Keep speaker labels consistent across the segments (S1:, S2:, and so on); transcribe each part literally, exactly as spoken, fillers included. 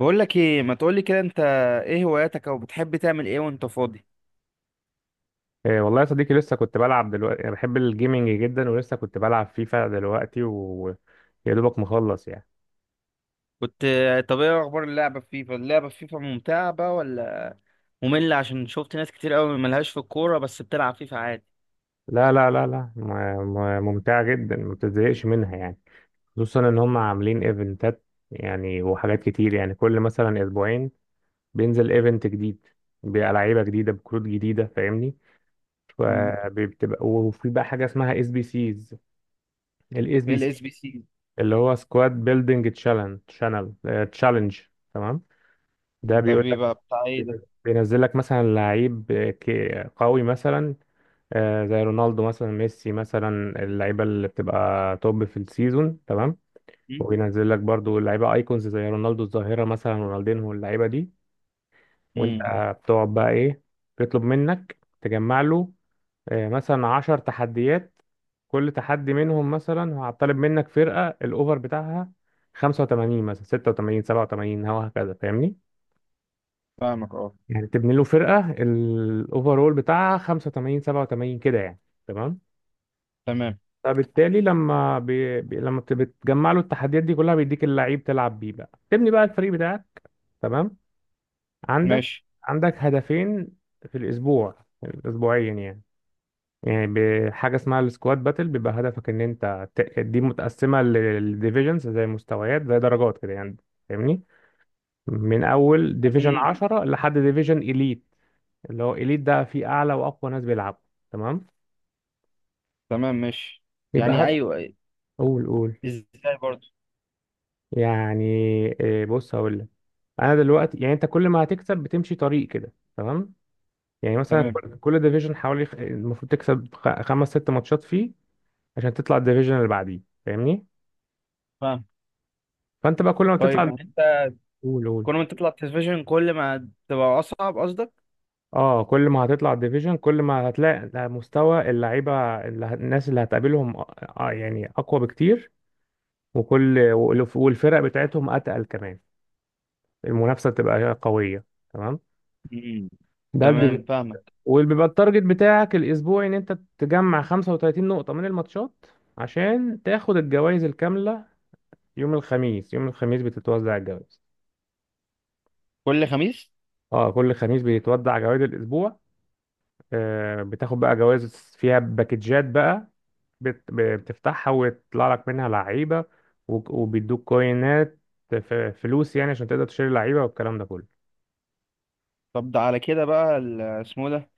S1: بقول لك ايه، ما تقول لي كده انت؟ ايه هواياتك او بتحب تعمل ايه وانت فاضي؟
S2: إيه والله يا صديقي، لسه كنت بلعب دلوقتي. انا بحب الجيمنج جدا، ولسه كنت بلعب فيفا دلوقتي ويا دوبك مخلص يعني.
S1: كنت. طب ايه اخبار اللعبه في فيفا؟ اللعبه في فيفا ممتعه بقى ولا ممله؟ عشان شفت ناس كتير قوي ملهاش في الكوره بس بتلعب فيفا عادي.
S2: لا لا لا لا، م- م- ممتعة جدا، ما بتزهقش منها يعني. خصوصا ان هم عاملين ايفنتات يعني، وحاجات كتير يعني. كل مثلا اسبوعين بينزل ايفنت جديد، بلعيبة جديدة بكروت جديده، فاهمني؟
S1: مم.
S2: فبتبقى، وفي بقى حاجة اسمها اس بي سيز. الاس
S1: ايه
S2: بي
S1: الاس
S2: سي
S1: بي سي؟
S2: اللي هو سكواد بيلدينج تشالنج، تشانل تشالنج، تمام؟ ده
S1: ده
S2: بيقول لك
S1: بيبقى بتاع ايه ده؟
S2: بينزل لك مثلا لعيب ك- قوي مثلا، آه، زي رونالدو مثلا، ميسي مثلا، اللعيبه اللي بتبقى توب في السيزون، تمام؟ وبينزل لك برضو لعيبه ايكونز زي رونالدو الظاهره مثلا، رونالدينهو، اللعيبه دي. وانت
S1: امم.
S2: بتقعد بقى ايه؟ بيطلب منك تجمع له آه، مثلا 10 تحديات. كل تحدي منهم مثلا هطالب منك فرقه الاوفر بتاعها خمسة وتمانين، مثلا ستة وتمانين، سبعة وتمانين، وهكذا، فاهمني؟
S1: فاهمك اه.
S2: يعني تبني له فرقة الأوفرول بتاعها خمسة وتمانين، سبعة وتمانين، كده يعني، تمام.
S1: تمام.
S2: فبالتالي لما بي... بي... لما بت- بتجمع له التحديات دي كلها، بيديك اللعيب تلعب بيه بقى، تبني بقى الفريق بتاعك، تمام. عندك
S1: ماشي.
S2: عندك هدفين في الأسبوع، أسبوعيا يعني. يعني بحاجة اسمها السكواد باتل، بيبقى هدفك إن أنت ت- دي متقسمة للديفيجنز، زي مستويات زي درجات كده يعني، فاهمني؟ من أول ديفيجن
S1: يعني
S2: عشرة لحد ديفيجن إليت، اللي هو إليت ده فيه أعلى وأقوى ناس بيلعبوا، تمام؟
S1: تمام. ماشي.
S2: يبقى
S1: يعني
S2: هات، تمام،
S1: ايوه.
S2: قول قول.
S1: ازاي برضه؟
S2: يعني إيه، بص هقول لك. أنا دلوقتي يعني، أنت كل ما هتكسب بتمشي طريق كده، تمام. يعني مثلا
S1: تمام.
S2: كل كل ديفيجن حوالي خ- المفروض تكسب خ- خمس ست ماتشات فيه، عشان تطلع الديفيجن اللي بعديه، فاهمني؟
S1: فاهم.
S2: فأنت بقى كل ما تطلع،
S1: طيب
S2: تمام،
S1: انت
S2: قول قول.
S1: كل ما تطلع التلفزيون كل ما تبقى اصعب قصدك؟
S2: اه، كل ما هتطلع الديفيجن كل ما هتلاقي مستوى اللعيبه اللي هت- الناس اللي هتقابلهم آه، آه، يعني اقوى بكتير. وكل والف- والفرق بتاعتهم اتقل كمان، المنافسه بتبقى قويه، تمام ده،
S1: امم.
S2: تمام
S1: تمام
S2: الديفيجن، تمام.
S1: فاهمك.
S2: وبيبقى التارجت بتاعك الاسبوعي ان انت تجمع خمسة وتلاتين نقطه من الماتشات، عشان تاخد الجوائز الكامله يوم الخميس. يوم الخميس بتتوزع الجوائز.
S1: كل خميس؟
S2: اه، كل خميس بيتوزع جوائز الاسبوع. آه بتاخد بقى جوائز فيها باكجات بقى، بت- بتفتحها ويطلع لك منها لعيبه، وك- وبيدوك كوينات، ف- فلوس يعني، عشان تقدر تشتري لعيبه والكلام ده كله.
S1: طب ده على كده بقى ال- اسمه ده،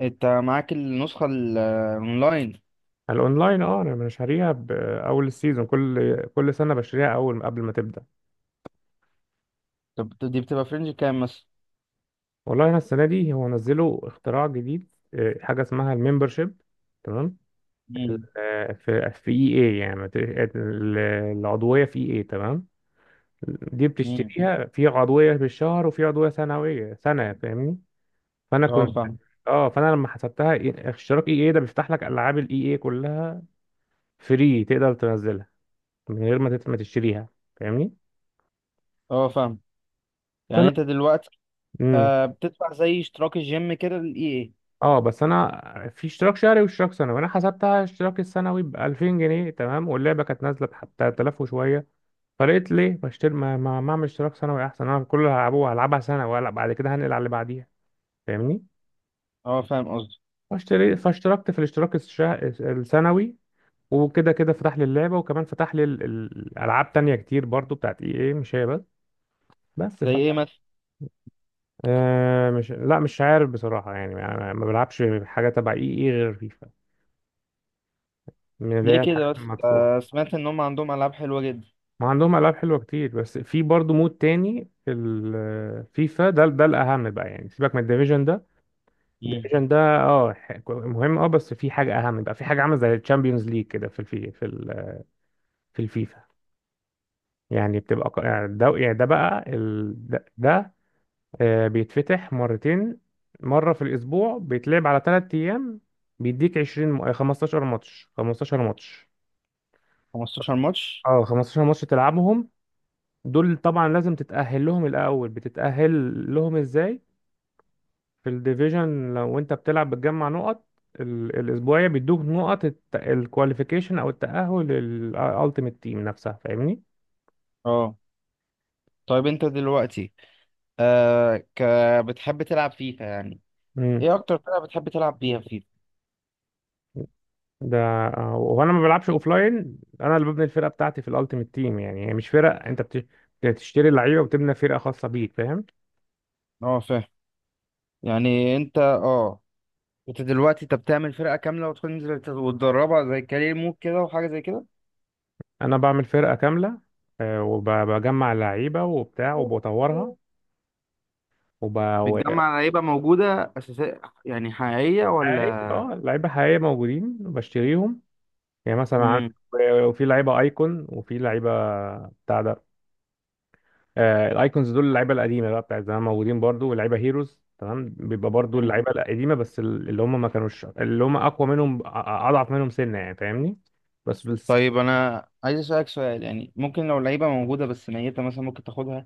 S1: انت معاك النسخة الاونلاين؟
S2: الاونلاين، اه، انا بشتريها باول السيزون، كل كل سنه بشتريها اول قبل ما تبدا.
S1: طب دي بتبقى فرنج كام مثلا؟
S2: والله انا السنه دي هو نزلوا اختراع جديد، آه، حاجه اسمها الممبرشيب، تمام.
S1: مم.
S2: آه، في في اي اي يعني بت- ال- العضويه في اي اي، تمام. دي
S1: مم.
S2: بتشتريها في عضويه بالشهر، وفي عضويه سنويه سنه، فاهمني؟ فانا كنت،
S1: اه فاهم.
S2: اه، فانا لما حسبتها، إيه- اشتراك اي اي ده بيفتح لك العاب الاي اي إيه كلها فري، تقدر تنزلها من غير ما تت- ما تشتريها، فاهمني؟
S1: اه فاهم. يعني
S2: فانا،
S1: انت دلوقتي
S2: مم.
S1: آه بتدفع زي اشتراك الجيم كده للاي اي؟
S2: اه، بس انا في اشتراك شهري واشتراك سنوي، انا حسبتها اشتراك السنوي ب ألفين جنيه، تمام، واللعبه كانت نازله حتى ثلاثة آلاف وشويه. فلقيت ليه بشتري، ما ما ما اعمل اشتراك سنوي احسن؟ انا كل اللي هلعبه هلعبها سنه، ولا بعد كده هنقل على اللي بعديها، فاهمني؟
S1: اه فاهم قصدي.
S2: فاشتري فاشتركت في الاشتراك الشه... السنوي. وكده كده فتح لي اللعبه، وكمان فتح لي ال- ال- الالعاب تانية كتير برضو بتاعت اي اي، مش هي بس. بس
S1: زي
S2: ف...
S1: ايه مثلا؟
S2: آه مش، لا مش عارف بصراحه يعني، ما ما بلعبش حاجه تبع اي اي غير فيفا، من اللي
S1: ليه
S2: هي الحاجات
S1: كده بس؟
S2: المدفوعه.
S1: آه، سمعت ان هم عندهم العاب حلوة جدا.
S2: ما عندهم العاب حلوه كتير، بس في برضه مود تاني في الفيفا، ده ده الاهم بقى يعني، سيبك من الديفيجن ده.
S1: مم.
S2: الديفيجن ده، اه، ح- مهم، اه، بس في حاجه اهم بقى، في حاجه عامله زي الشامبيونز ليج كده في الفي في ال- في الفيفا. يعني بتبقى ق- يعني ده، يعني ده بقى ال... ده, ده آه، بيتفتح مرتين، مره في الاسبوع، بيتلعب على ثلاث ايام. بيديك عشرين م- 15 ماتش، 15 ماتش
S1: خمستاشر ماتش؟
S2: اه 15 ماتش تلعبهم. دول طبعا لازم تتأهل لهم الأول. بتتأهل لهم إزاي؟ في الديفيجن، لو أنت بتلعب بتجمع نقط، ال- الأسبوعية بيدوك نقط الكواليفيكيشن، أو التأهل للألتيميت تيم نفسها، فاهمني؟
S1: اه طيب انت دلوقتي آه ك... بتحب تلعب فيفا يعني؟
S2: امم.
S1: ايه اكتر فرقة بتحب تلعب بيها فيفا؟
S2: ده، آه، وأنا ما بلعبش أوفلاين، أنا اللي ببني الفرقة بتاعتي في الألتيميت تيم، يعني هي مش فرق. أنت بت- بتشتري اللعيبة وبتبني فرقة خاصة بيك، فاهم؟
S1: اه فاهم. يعني انت اه انت دلوقتي انت بتعمل فرقة كاملة وتنزل تت- وتدربها زي كارير مود كده وحاجة زي كده؟
S2: أنا بعمل فرقة كاملة، آه، وبجمع اللعيبة وبتاع وبطورها.
S1: بتجمع لعيبة موجودة أساسية يعني حقيقية ولا؟
S2: حقيقي، اه، لعيبه حقيقيه موجودين بشتريهم. يعني مثلا عندك،
S1: مم.
S2: وفي لعيبه ايكون، وفي لعيبه بتاع ده. آه الايكونز دول اللعيبه القديمه بقى، بتاع زمان، موجودين برضو. واللعيبه هيروز، تمام، بيبقى برضو
S1: مم.
S2: اللعيبه القديمه، بس ال- اللي هم ما كانوش اللي هم اقوى منهم، أ- أ- اضعف منهم سنه يعني، فاهمني؟ بس بس
S1: طيب أنا عايز أسألك سؤال، يعني ممكن لو لعيبة موجودة بس ميتة مثلا ممكن تاخدها؟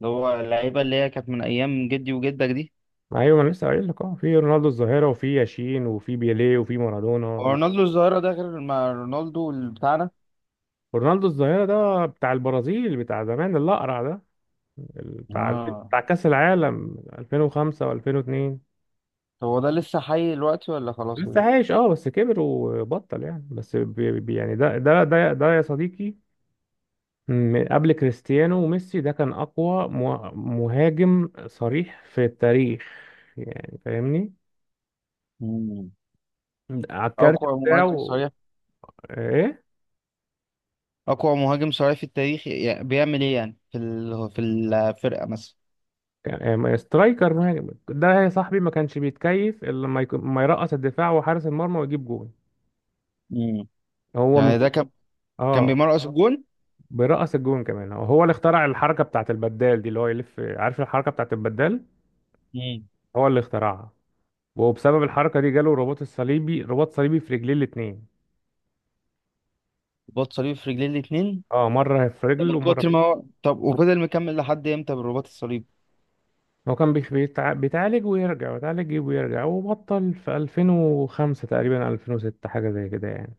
S1: اللي هو اللعيبة اللي هي كانت من أيام جدي وجدك دي.
S2: ايوه، ما انا لسه قايل لك، اه، في رونالدو الظاهره، وفي ياشين، وفي بيليه، وفي
S1: هو
S2: مارادونا.
S1: رونالدو الظاهرة ده غير ما رونالدو اللي بتاعنا؟
S2: رونالدو الظاهره ده بتاع البرازيل، بتاع زمان، الاقرع ده، بتاع
S1: اه.
S2: بتاع كأس العالم ألفين وخمسة و2002.
S1: طب هو ده لسه حي دلوقتي ولا خلاص
S2: لسه
S1: كده؟
S2: عايش، اه، بس كبر وبطل يعني. بس بي بي- يعني ده ده ده ده يا صديقي، من قبل كريستيانو وميسي، ده كان أقوى مه- مهاجم صريح في التاريخ، يعني فاهمني،
S1: مم.
S2: على
S1: أو
S2: الكارت
S1: كو- مهاجم
S2: بتاعه.
S1: صريح؟
S2: ايه،
S1: اقوى مهاجم صريح في التاريخ، يعني بيعمل ايه يعني في ال... في الفرقه مثلا؟
S2: كان- آه، سترايكر، مهاجم ده يا صاحبي، ما كانش بيتكيف إلا لما يكون- ما يرقص الدفاع وحارس المرمى ويجيب جون.
S1: امم.
S2: هو من
S1: يعني
S2: كتر-
S1: ده كان كان
S2: اه،
S1: بيمرقص الجون؟
S2: بيرقص الجون كمان. هو هو اللي اخترع الحركة بتاعت البدال دي، اللي هو يلف، عارف الحركة بتاعت البدال؟
S1: امم.
S2: هو اللي اخترعها. وبسبب الحركة دي جاله رباط الصليبي، رباط صليبي في رجليه الاتنين.
S1: رباط صليبي في رجليه الاثنين؟
S2: اه، مرة في
S1: ده
S2: رجل
S1: من
S2: ومرة.
S1: كتر ما هو. طب وفضل مكمل لحد امتى بالرباط الصليبي؟
S2: هو كان بيخ- بيتع- بيتعالج ويرجع، بيتعالج ويرجع، وبطل في ألفين وخمسة تقريبا، ألفين وستة، حاجة زي كده يعني.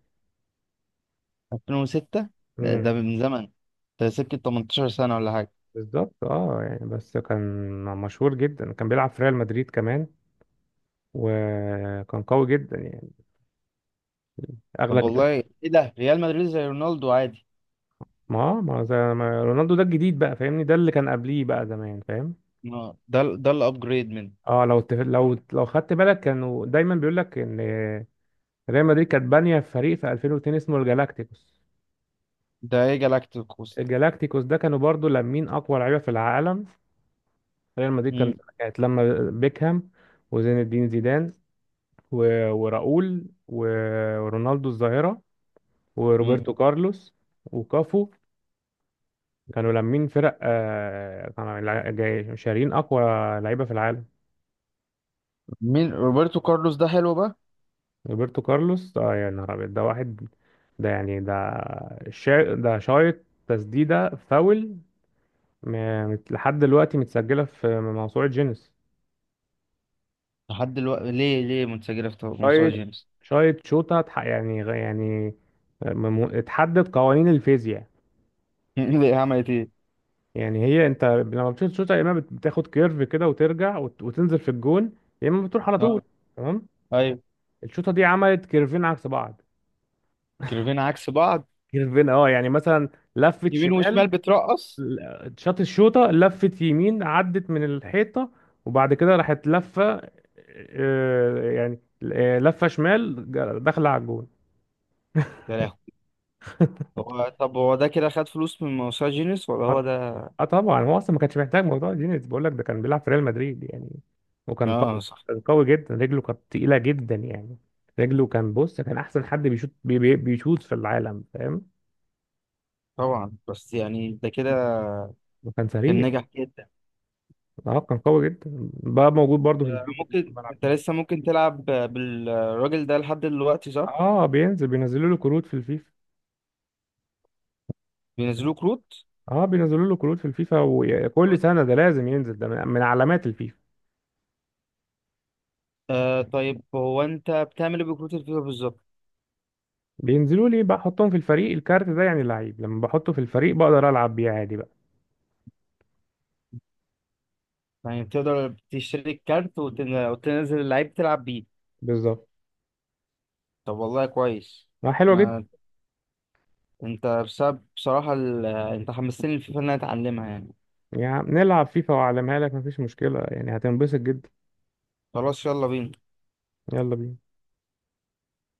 S1: ألفين وستة؟ ده, ده
S2: امم.
S1: من زمن. ده سكه تمنتاشر سنه ولا حاجه.
S2: بالظبط، اه، يعني بس كان مشهور جدا، كان بيلعب في ريال مدريد كمان، وكان قوي جدا يعني، اغلى
S1: طب
S2: ك-
S1: والله. ايه ده، ريال مدريد زي رونالدو عادي؟
S2: ما ما زي ما رونالدو ده الجديد بقى، فاهمني؟ ده اللي كان قبليه بقى، زمان، فاهم؟
S1: آه، ده ال- ده الابجريد منه.
S2: اه، لو تف... لو لو خدت بالك كانوا دايما بيقول لك ان ريال مدريد كانت بانية فريق في ألفين واتنين اسمه الجالاكتيكوس.
S1: ده ايه جالاكتيكوس؟
S2: الجالاكتيكوس ده كانوا برضو لامين أقوى لعيبة في العالم. ريال مدريد كان
S1: امم.
S2: كانت لما بيكهام، وزين الدين زيدان، و- وراؤول، و- ورونالدو الظاهرة،
S1: امم.
S2: وروبرتو كارلوس، وكافو. كانوا لامين فرق، آه، كانوا لع- جاي- شارين أقوى لعيبة في العالم.
S1: مين روبرتو كارلوس ده حلو بقى؟
S2: روبرتو كارلوس، اه، يا نهار أبيض، ده واحد ده يعني ده شا... ده شايط تسديدة فاول، م- مت- لحد دلوقتي متسجلة في موسوعة جينيس.
S1: لحد دلوقتي ليه؟ ليه منسجله في مسار
S2: شايت
S1: جيمس؟
S2: شايت شوتا، اتح- يعني غ- يعني مم- اتحدد قوانين الفيزياء
S1: ليه، عملت ايه؟
S2: يعني. هي انت لما بتشوط شوطة، يا اما بت- بتاخد كيرف كده وترجع وت- وتنزل في الجون، يا اما بتروح على طول،
S1: اه.
S2: تمام.
S1: ايوه.
S2: الشوطة دي عملت كيرفين عكس بعض.
S1: كيرفين عكس بعض؟
S2: كيرفين اه، يعني مثلا لفت
S1: يمين وشمال
S2: شمال.
S1: بترقص؟
S2: ل- شاط الشوطة لفت يمين، عدت من الحيطة، وبعد كده راحت لفة، اه، يعني، اه، لفة شمال ج- داخلة على الجون.
S1: يا لهوي. هو طب هو ده كده خد فلوس من موسوعة جينيس ولا هو
S2: اه
S1: ده؟
S2: آه طبعا هو اصلا ما كانش محتاج موضوع جينيز، بقول لك ده كان بيلعب في ريال مدريد يعني، وكان قوي.
S1: اه صح.
S2: كان قوي جدا، رجله كانت تقيله جدا يعني. رجله، كان بص، كان احسن حد بيشوط، بي بي بيشوط في العالم، فاهم؟
S1: طبعا بس يعني ده كده
S2: وكان
S1: كان
S2: سريع،
S1: نجح جدا.
S2: اه، كان قوي جدا بقى، موجود برضه في
S1: آه،
S2: الفيفا اللي كنا
S1: ممكن
S2: بنلعب
S1: انت
S2: بيه.
S1: لسه ممكن تلعب بالراجل ده لحد دلوقتي صح؟
S2: اه، بينزل بينزلوا له كروت في الفيفا.
S1: بينزلوه كروت؟
S2: اه، بينزلوا له كروت في الفيفا، وكل سنه ده لازم ينزل، ده من من علامات الفيفا.
S1: آه طيب هو انت بتعمل ايه بكروت الفيفا بالظبط؟
S2: بينزلوا لي بقى احطهم في الفريق. الكارت ده يعني لعيب، لما بحطه في الفريق بقدر العب بيه عادي بقى.
S1: يعني بتقدر تشتري الكارت وتن- وتنزل اللعيب تلعب بيه؟
S2: بالظبط.
S1: طب والله كويس.
S2: اه، حلوه جدا.
S1: انا انت بسبب بصراحة ال... انت حمستني الفيفا ان انا اتعلمها يعني.
S2: يا عم نلعب فيفا وأعلمها لك، مفيش مشكلة يعني، هتنبسط جدا.
S1: خلاص يلا بينا.
S2: يلا بينا.